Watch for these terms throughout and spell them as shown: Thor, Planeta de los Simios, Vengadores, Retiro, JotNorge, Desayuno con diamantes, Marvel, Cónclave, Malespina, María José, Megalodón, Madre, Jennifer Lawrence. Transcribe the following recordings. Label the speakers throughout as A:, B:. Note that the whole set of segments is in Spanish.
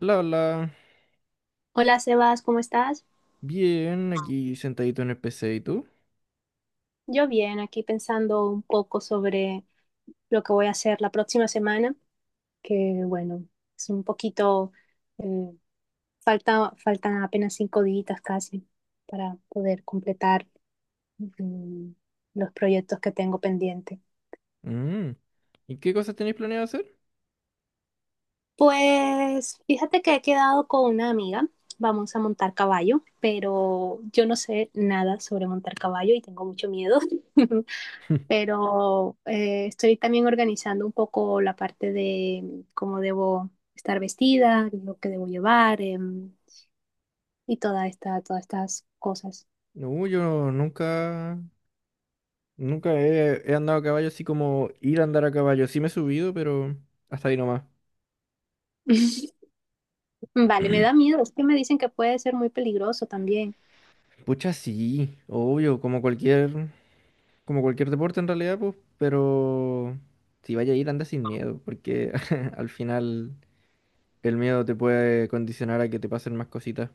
A: Bla, bla.
B: Hola Sebas, ¿cómo estás?
A: Bien, aquí sentadito en el PC, ¿y tú?
B: Yo bien, aquí pensando un poco sobre lo que voy a hacer la próxima semana, que bueno, es un poquito, eh, faltan apenas 5 días casi para poder completar mm, los proyectos que tengo pendiente.
A: Mm. ¿Y qué cosas tenéis planeado hacer?
B: Pues fíjate que he quedado con una amiga, vamos a montar caballo, pero yo no sé nada sobre montar caballo y tengo mucho miedo. Pero estoy también organizando un poco la parte de cómo debo estar vestida, lo que debo llevar, y todas estas cosas.
A: No, yo nunca he andado a caballo, así como ir a andar a caballo. Sí me he subido, pero hasta ahí nomás.
B: Vale, me da miedo, es que me dicen que puede ser muy peligroso también.
A: Pucha, sí, obvio, como cualquier deporte en realidad, pues, pero si vaya a ir, anda sin miedo, porque al final el miedo te puede condicionar a que te pasen más cositas.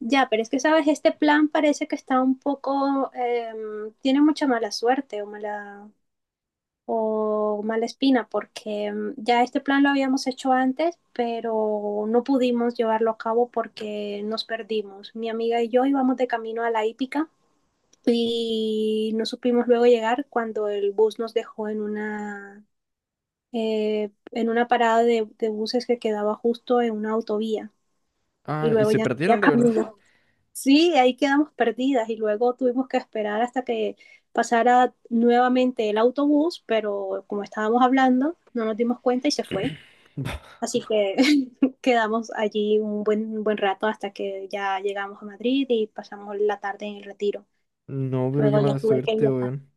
B: Ya, pero es que, ¿sabes? Este plan parece que está un poco, tiene mucha mala suerte o o Malespina, porque ya este plan lo habíamos hecho antes, pero no pudimos llevarlo a cabo porque nos perdimos. Mi amiga y yo íbamos de camino a la hípica y no supimos luego llegar cuando el bus nos dejó en en una parada de buses que quedaba justo en una autovía y
A: Ah, ¿y
B: luego
A: se
B: ya no
A: perdieron
B: había
A: de verdad?
B: camino. Sí, ahí quedamos perdidas y luego tuvimos que esperar hasta que pasara nuevamente el autobús, pero como estábamos hablando, no nos dimos cuenta y se fue. Así que quedamos allí un un buen rato hasta que ya llegamos a Madrid y pasamos la tarde en el Retiro.
A: No, pero qué
B: Luego ya
A: mala
B: tuve que
A: suerte,
B: viajar.
A: weón.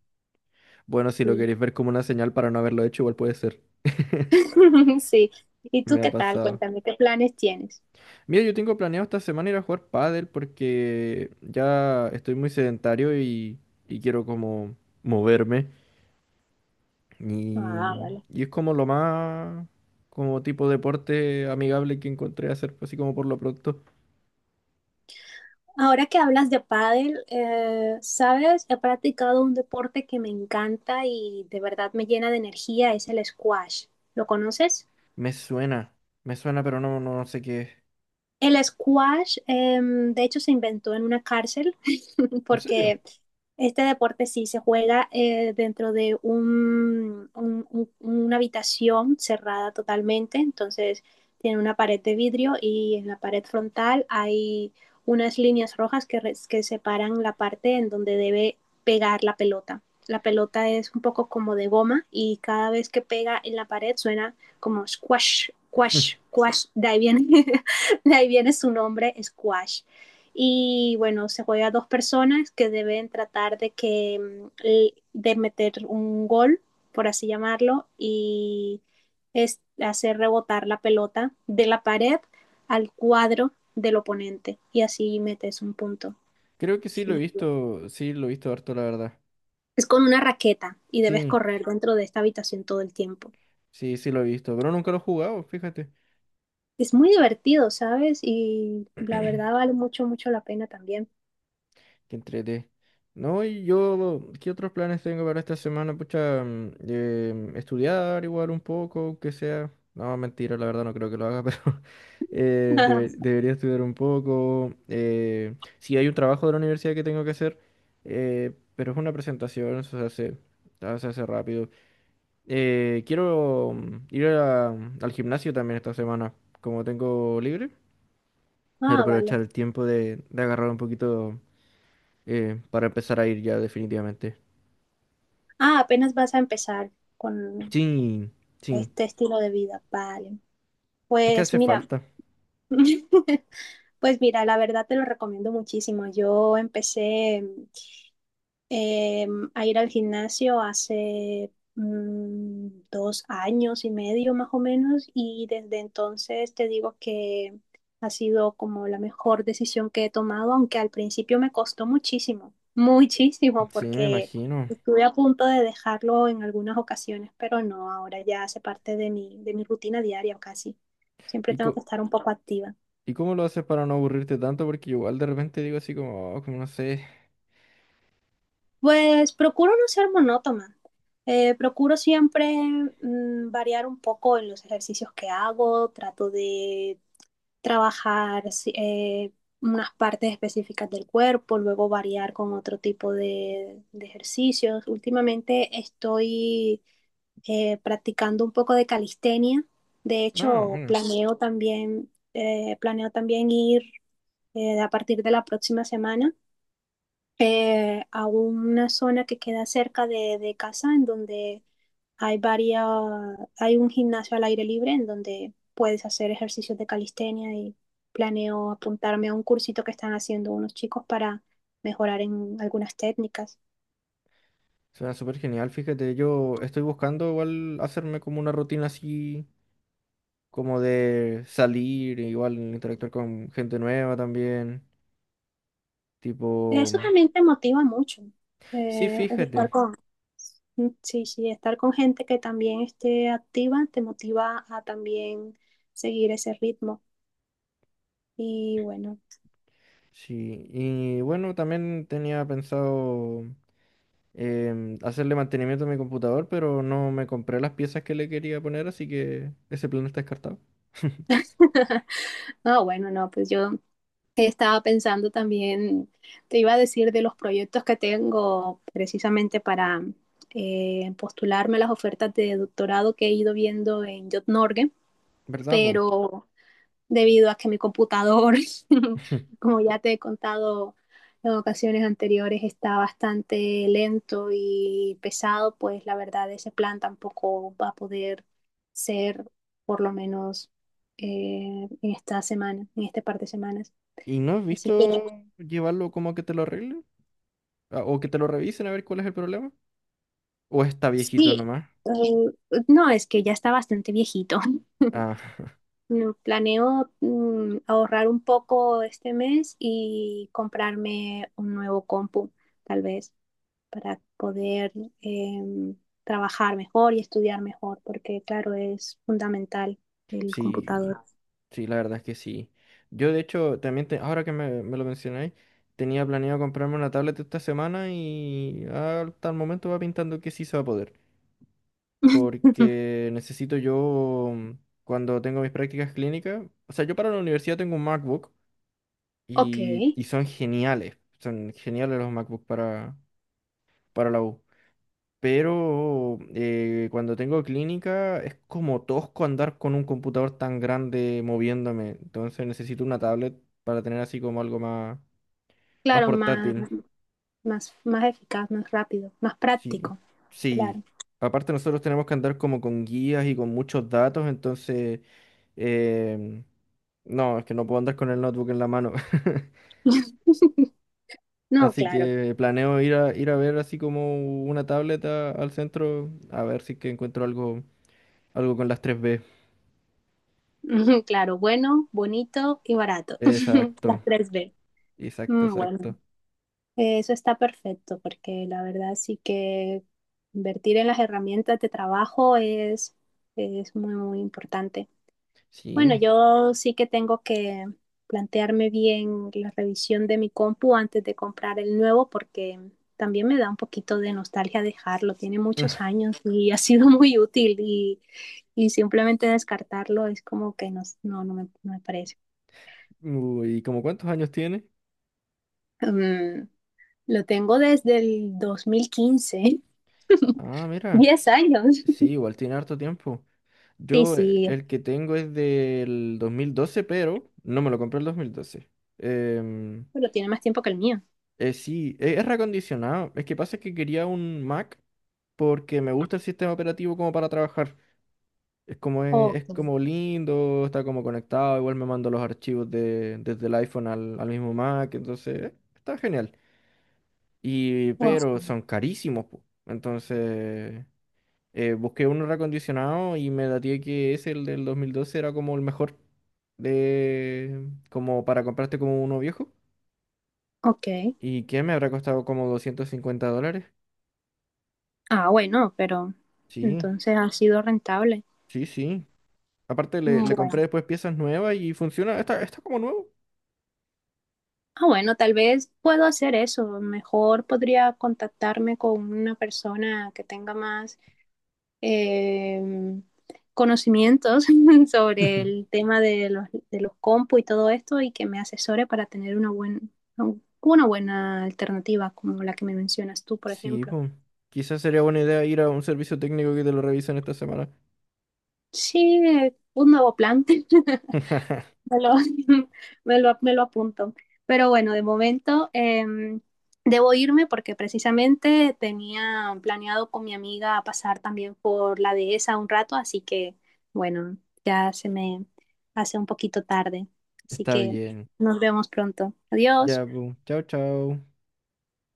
A: Bueno, si lo
B: Sí.
A: queréis ver como una señal para no haberlo hecho, igual puede ser.
B: Sí. ¿Y tú
A: Me ha
B: qué tal?
A: pasado.
B: Cuéntame, ¿qué planes tienes?
A: Mira, yo tengo planeado esta semana ir a jugar pádel porque ya estoy muy sedentario y quiero como moverme.
B: Ah,
A: Y,
B: vale.
A: y es como lo más, como tipo deporte amigable que encontré hacer, así como por lo pronto.
B: Ahora que hablas de pádel, sabes, he practicado un deporte que me encanta y de verdad me llena de energía, es el squash. ¿Lo conoces?
A: Me suena, me suena, pero no sé qué es.
B: El squash, de hecho, se inventó en una cárcel
A: ¿En serio?
B: porque este deporte sí se juega dentro de una habitación cerrada totalmente, entonces tiene una pared de vidrio y en la pared frontal hay unas líneas rojas que, que separan la parte en donde debe pegar la pelota. La pelota es un poco como de goma y cada vez que pega en la pared suena como squash, squash, squash. De ahí viene, de ahí viene su nombre, squash y bueno, se juega a dos personas que deben tratar de que de meter un gol, por así llamarlo, y es hacer rebotar la pelota de la pared al cuadro del oponente y así metes un punto.
A: Creo que sí lo he
B: Sí.
A: visto, sí lo he visto harto, la verdad.
B: Es con una raqueta y debes
A: Sí,
B: correr dentro de esta habitación todo el tiempo.
A: sí, sí lo he visto, pero nunca lo he jugado, fíjate.
B: Es muy divertido, ¿sabes? Y la verdad vale mucho, mucho la pena también.
A: Que entrete. No, y yo, ¿qué otros planes tengo para esta semana? Pucha, estudiar igual un poco, aunque sea. No, mentira, la verdad no creo que lo haga, pero debería estudiar un poco. Sí, hay un trabajo de la universidad que tengo que hacer, pero es una presentación, eso se hace, ah, se hace rápido. Quiero al gimnasio también esta semana, como tengo libre. Quiero
B: Ah, vale.
A: aprovechar el tiempo de agarrar un poquito para empezar a ir ya definitivamente.
B: Ah, apenas vas a empezar con,
A: Sí, sí,
B: este estilo de vida, vale.
A: es que
B: Pues
A: hace
B: mira,
A: falta.
B: pues mira, la verdad te lo recomiendo muchísimo. Yo empecé eh, a ir al gimnasio hace 2 años y medio más o menos y desde entonces te digo que ha sido como la mejor decisión que he tomado, aunque al principio me costó muchísimo, muchísimo,
A: Sí, me
B: porque
A: imagino.
B: estuve a punto de dejarlo en algunas ocasiones, pero no, ahora ya hace parte de de mi rutina diaria casi. Siempre
A: ¿Y,
B: tengo que
A: co-
B: estar un poco activa.
A: y cómo lo haces para no aburrirte tanto? Porque yo igual de repente digo así como: "Oh, como no sé".
B: Pues procuro no ser monótona. Procuro siempre variar un poco en los ejercicios que hago. Trato de trabajar unas partes específicas del cuerpo, luego variar con otro tipo de ejercicios. Últimamente estoy practicando un poco de calistenia. De
A: No,
B: hecho,
A: bueno,
B: planeo también ir a partir de la próxima semana a una zona que queda cerca de casa en donde hay varias, hay un gimnasio al aire libre en donde puedes hacer ejercicios de calistenia y planeo apuntarme a un cursito que están haciendo unos chicos para mejorar en algunas técnicas.
A: suena súper genial. Fíjate, yo estoy buscando igual hacerme como una rutina así, como de salir, igual interactuar con gente nueva también. Tipo,
B: Eso también te motiva mucho,
A: sí,
B: el estar
A: fíjate.
B: con, sí, sí, estar con gente que también esté activa te motiva a también seguir ese ritmo. Y bueno,
A: Sí, y bueno, también tenía pensado, hacerle mantenimiento a mi computador, pero no me compré las piezas que le quería poner, así que ese plan está descartado.
B: no, bueno, no, pues yo estaba pensando también, te iba a decir de los proyectos que tengo precisamente para postularme a las ofertas de doctorado que he ido viendo en JotNorge,
A: ¿Verdad, po?
B: pero debido a que mi computador, como ya te he contado en ocasiones anteriores, está bastante lento y pesado, pues la verdad ese plan tampoco va a poder ser por lo menos en esta semana, en este par de semanas.
A: ¿Y no has
B: Así que
A: visto llevarlo como a que te lo arreglen? Ah, ¿o que te lo revisen a ver cuál es el problema? ¿O está viejito
B: sí,
A: nomás?
B: eh, no, es que ya está bastante viejito.
A: Ah,
B: No, planeo ahorrar un poco este mes y comprarme un nuevo compu, tal vez, para poder em, trabajar mejor y estudiar mejor, porque claro, es fundamental el
A: sí.
B: computador.
A: Sí, la verdad es que sí. Yo, de hecho, también, ahora que me lo mencionáis, tenía planeado comprarme una tablet esta semana y hasta el momento va pintando que sí se va a poder. Porque necesito yo, cuando tengo mis prácticas clínicas, o sea, yo para la universidad tengo un MacBook
B: Ok,
A: y son geniales los MacBook para la U. Pero cuando tengo clínica es como tosco andar con un computador tan grande moviéndome, entonces necesito una tablet para tener así como algo más, más
B: claro,
A: portátil.
B: más eficaz, más rápido, más
A: Sí,
B: práctico, claro.
A: sí. Aparte nosotros tenemos que andar como con guías y con muchos datos, entonces… em, no, es que no puedo andar con el notebook en la mano.
B: No,
A: Así
B: claro,
A: que planeo ir a ver así como una tableta al centro, a ver si es que encuentro algo, algo con las tres b.
B: claro, bueno, bonito y barato. Las
A: Exacto,
B: tres B.
A: exacto,
B: Mm, bueno,
A: exacto.
B: eso está perfecto porque la verdad sí que invertir en las herramientas de trabajo es muy, muy importante. Bueno,
A: Sí.
B: yo sí que tengo que plantearme bien la revisión de mi compu antes de comprar el nuevo porque también me da un poquito de nostalgia dejarlo. Tiene muchos años y ha sido muy útil y simplemente descartarlo es como que no, no, no me parece.
A: Uy, ¿y como cuántos años tiene?
B: Mm, lo tengo desde el 2015
A: Ah, mira.
B: 10 años.
A: Sí, igual tiene harto tiempo.
B: Sí,
A: Yo
B: sí,
A: el que tengo es del 2012, pero no me lo compré el 2012. Em,
B: pero tiene más tiempo que el mío.
A: sí, es reacondicionado. Es que pasa que quería un Mac porque me gusta el sistema operativo como para trabajar. Es,
B: Ok,
A: como lindo, está como conectado, igual me mando los archivos desde el iPhone al, al mismo Mac, entonces está genial. Y, pero
B: ok,
A: son carísimos, po. Entonces… busqué uno reacondicionado y me daté que ese, el del 2012, era como el mejor de… como para comprarte como uno viejo.
B: ok.
A: ¿Y qué? Me habrá costado como $250.
B: Ah, bueno, pero
A: Sí,
B: entonces ha sido rentable.
A: sí, sí. Aparte le
B: Bueno.
A: compré después piezas nuevas y funciona. Está, está como nuevo.
B: Ah, bueno, tal vez puedo hacer eso. Mejor podría contactarme con una persona que tenga más eh, conocimientos sobre el tema de de los compu y todo esto y que me asesore para tener una buena alternativa como la que me mencionas tú, por
A: Sí,
B: ejemplo.
A: pues. Quizás sería buena idea ir a un servicio técnico que te lo revisen esta semana.
B: Sí, un nuevo plan. Me lo, me lo apunto. Pero bueno, de momento debo irme porque precisamente tenía planeado con mi amiga pasar también por la dehesa un rato, así que bueno, ya se me hace un poquito tarde. Así
A: Está
B: que
A: bien.
B: nos vemos pronto. Adiós.
A: Ya, pues. Chao, chao.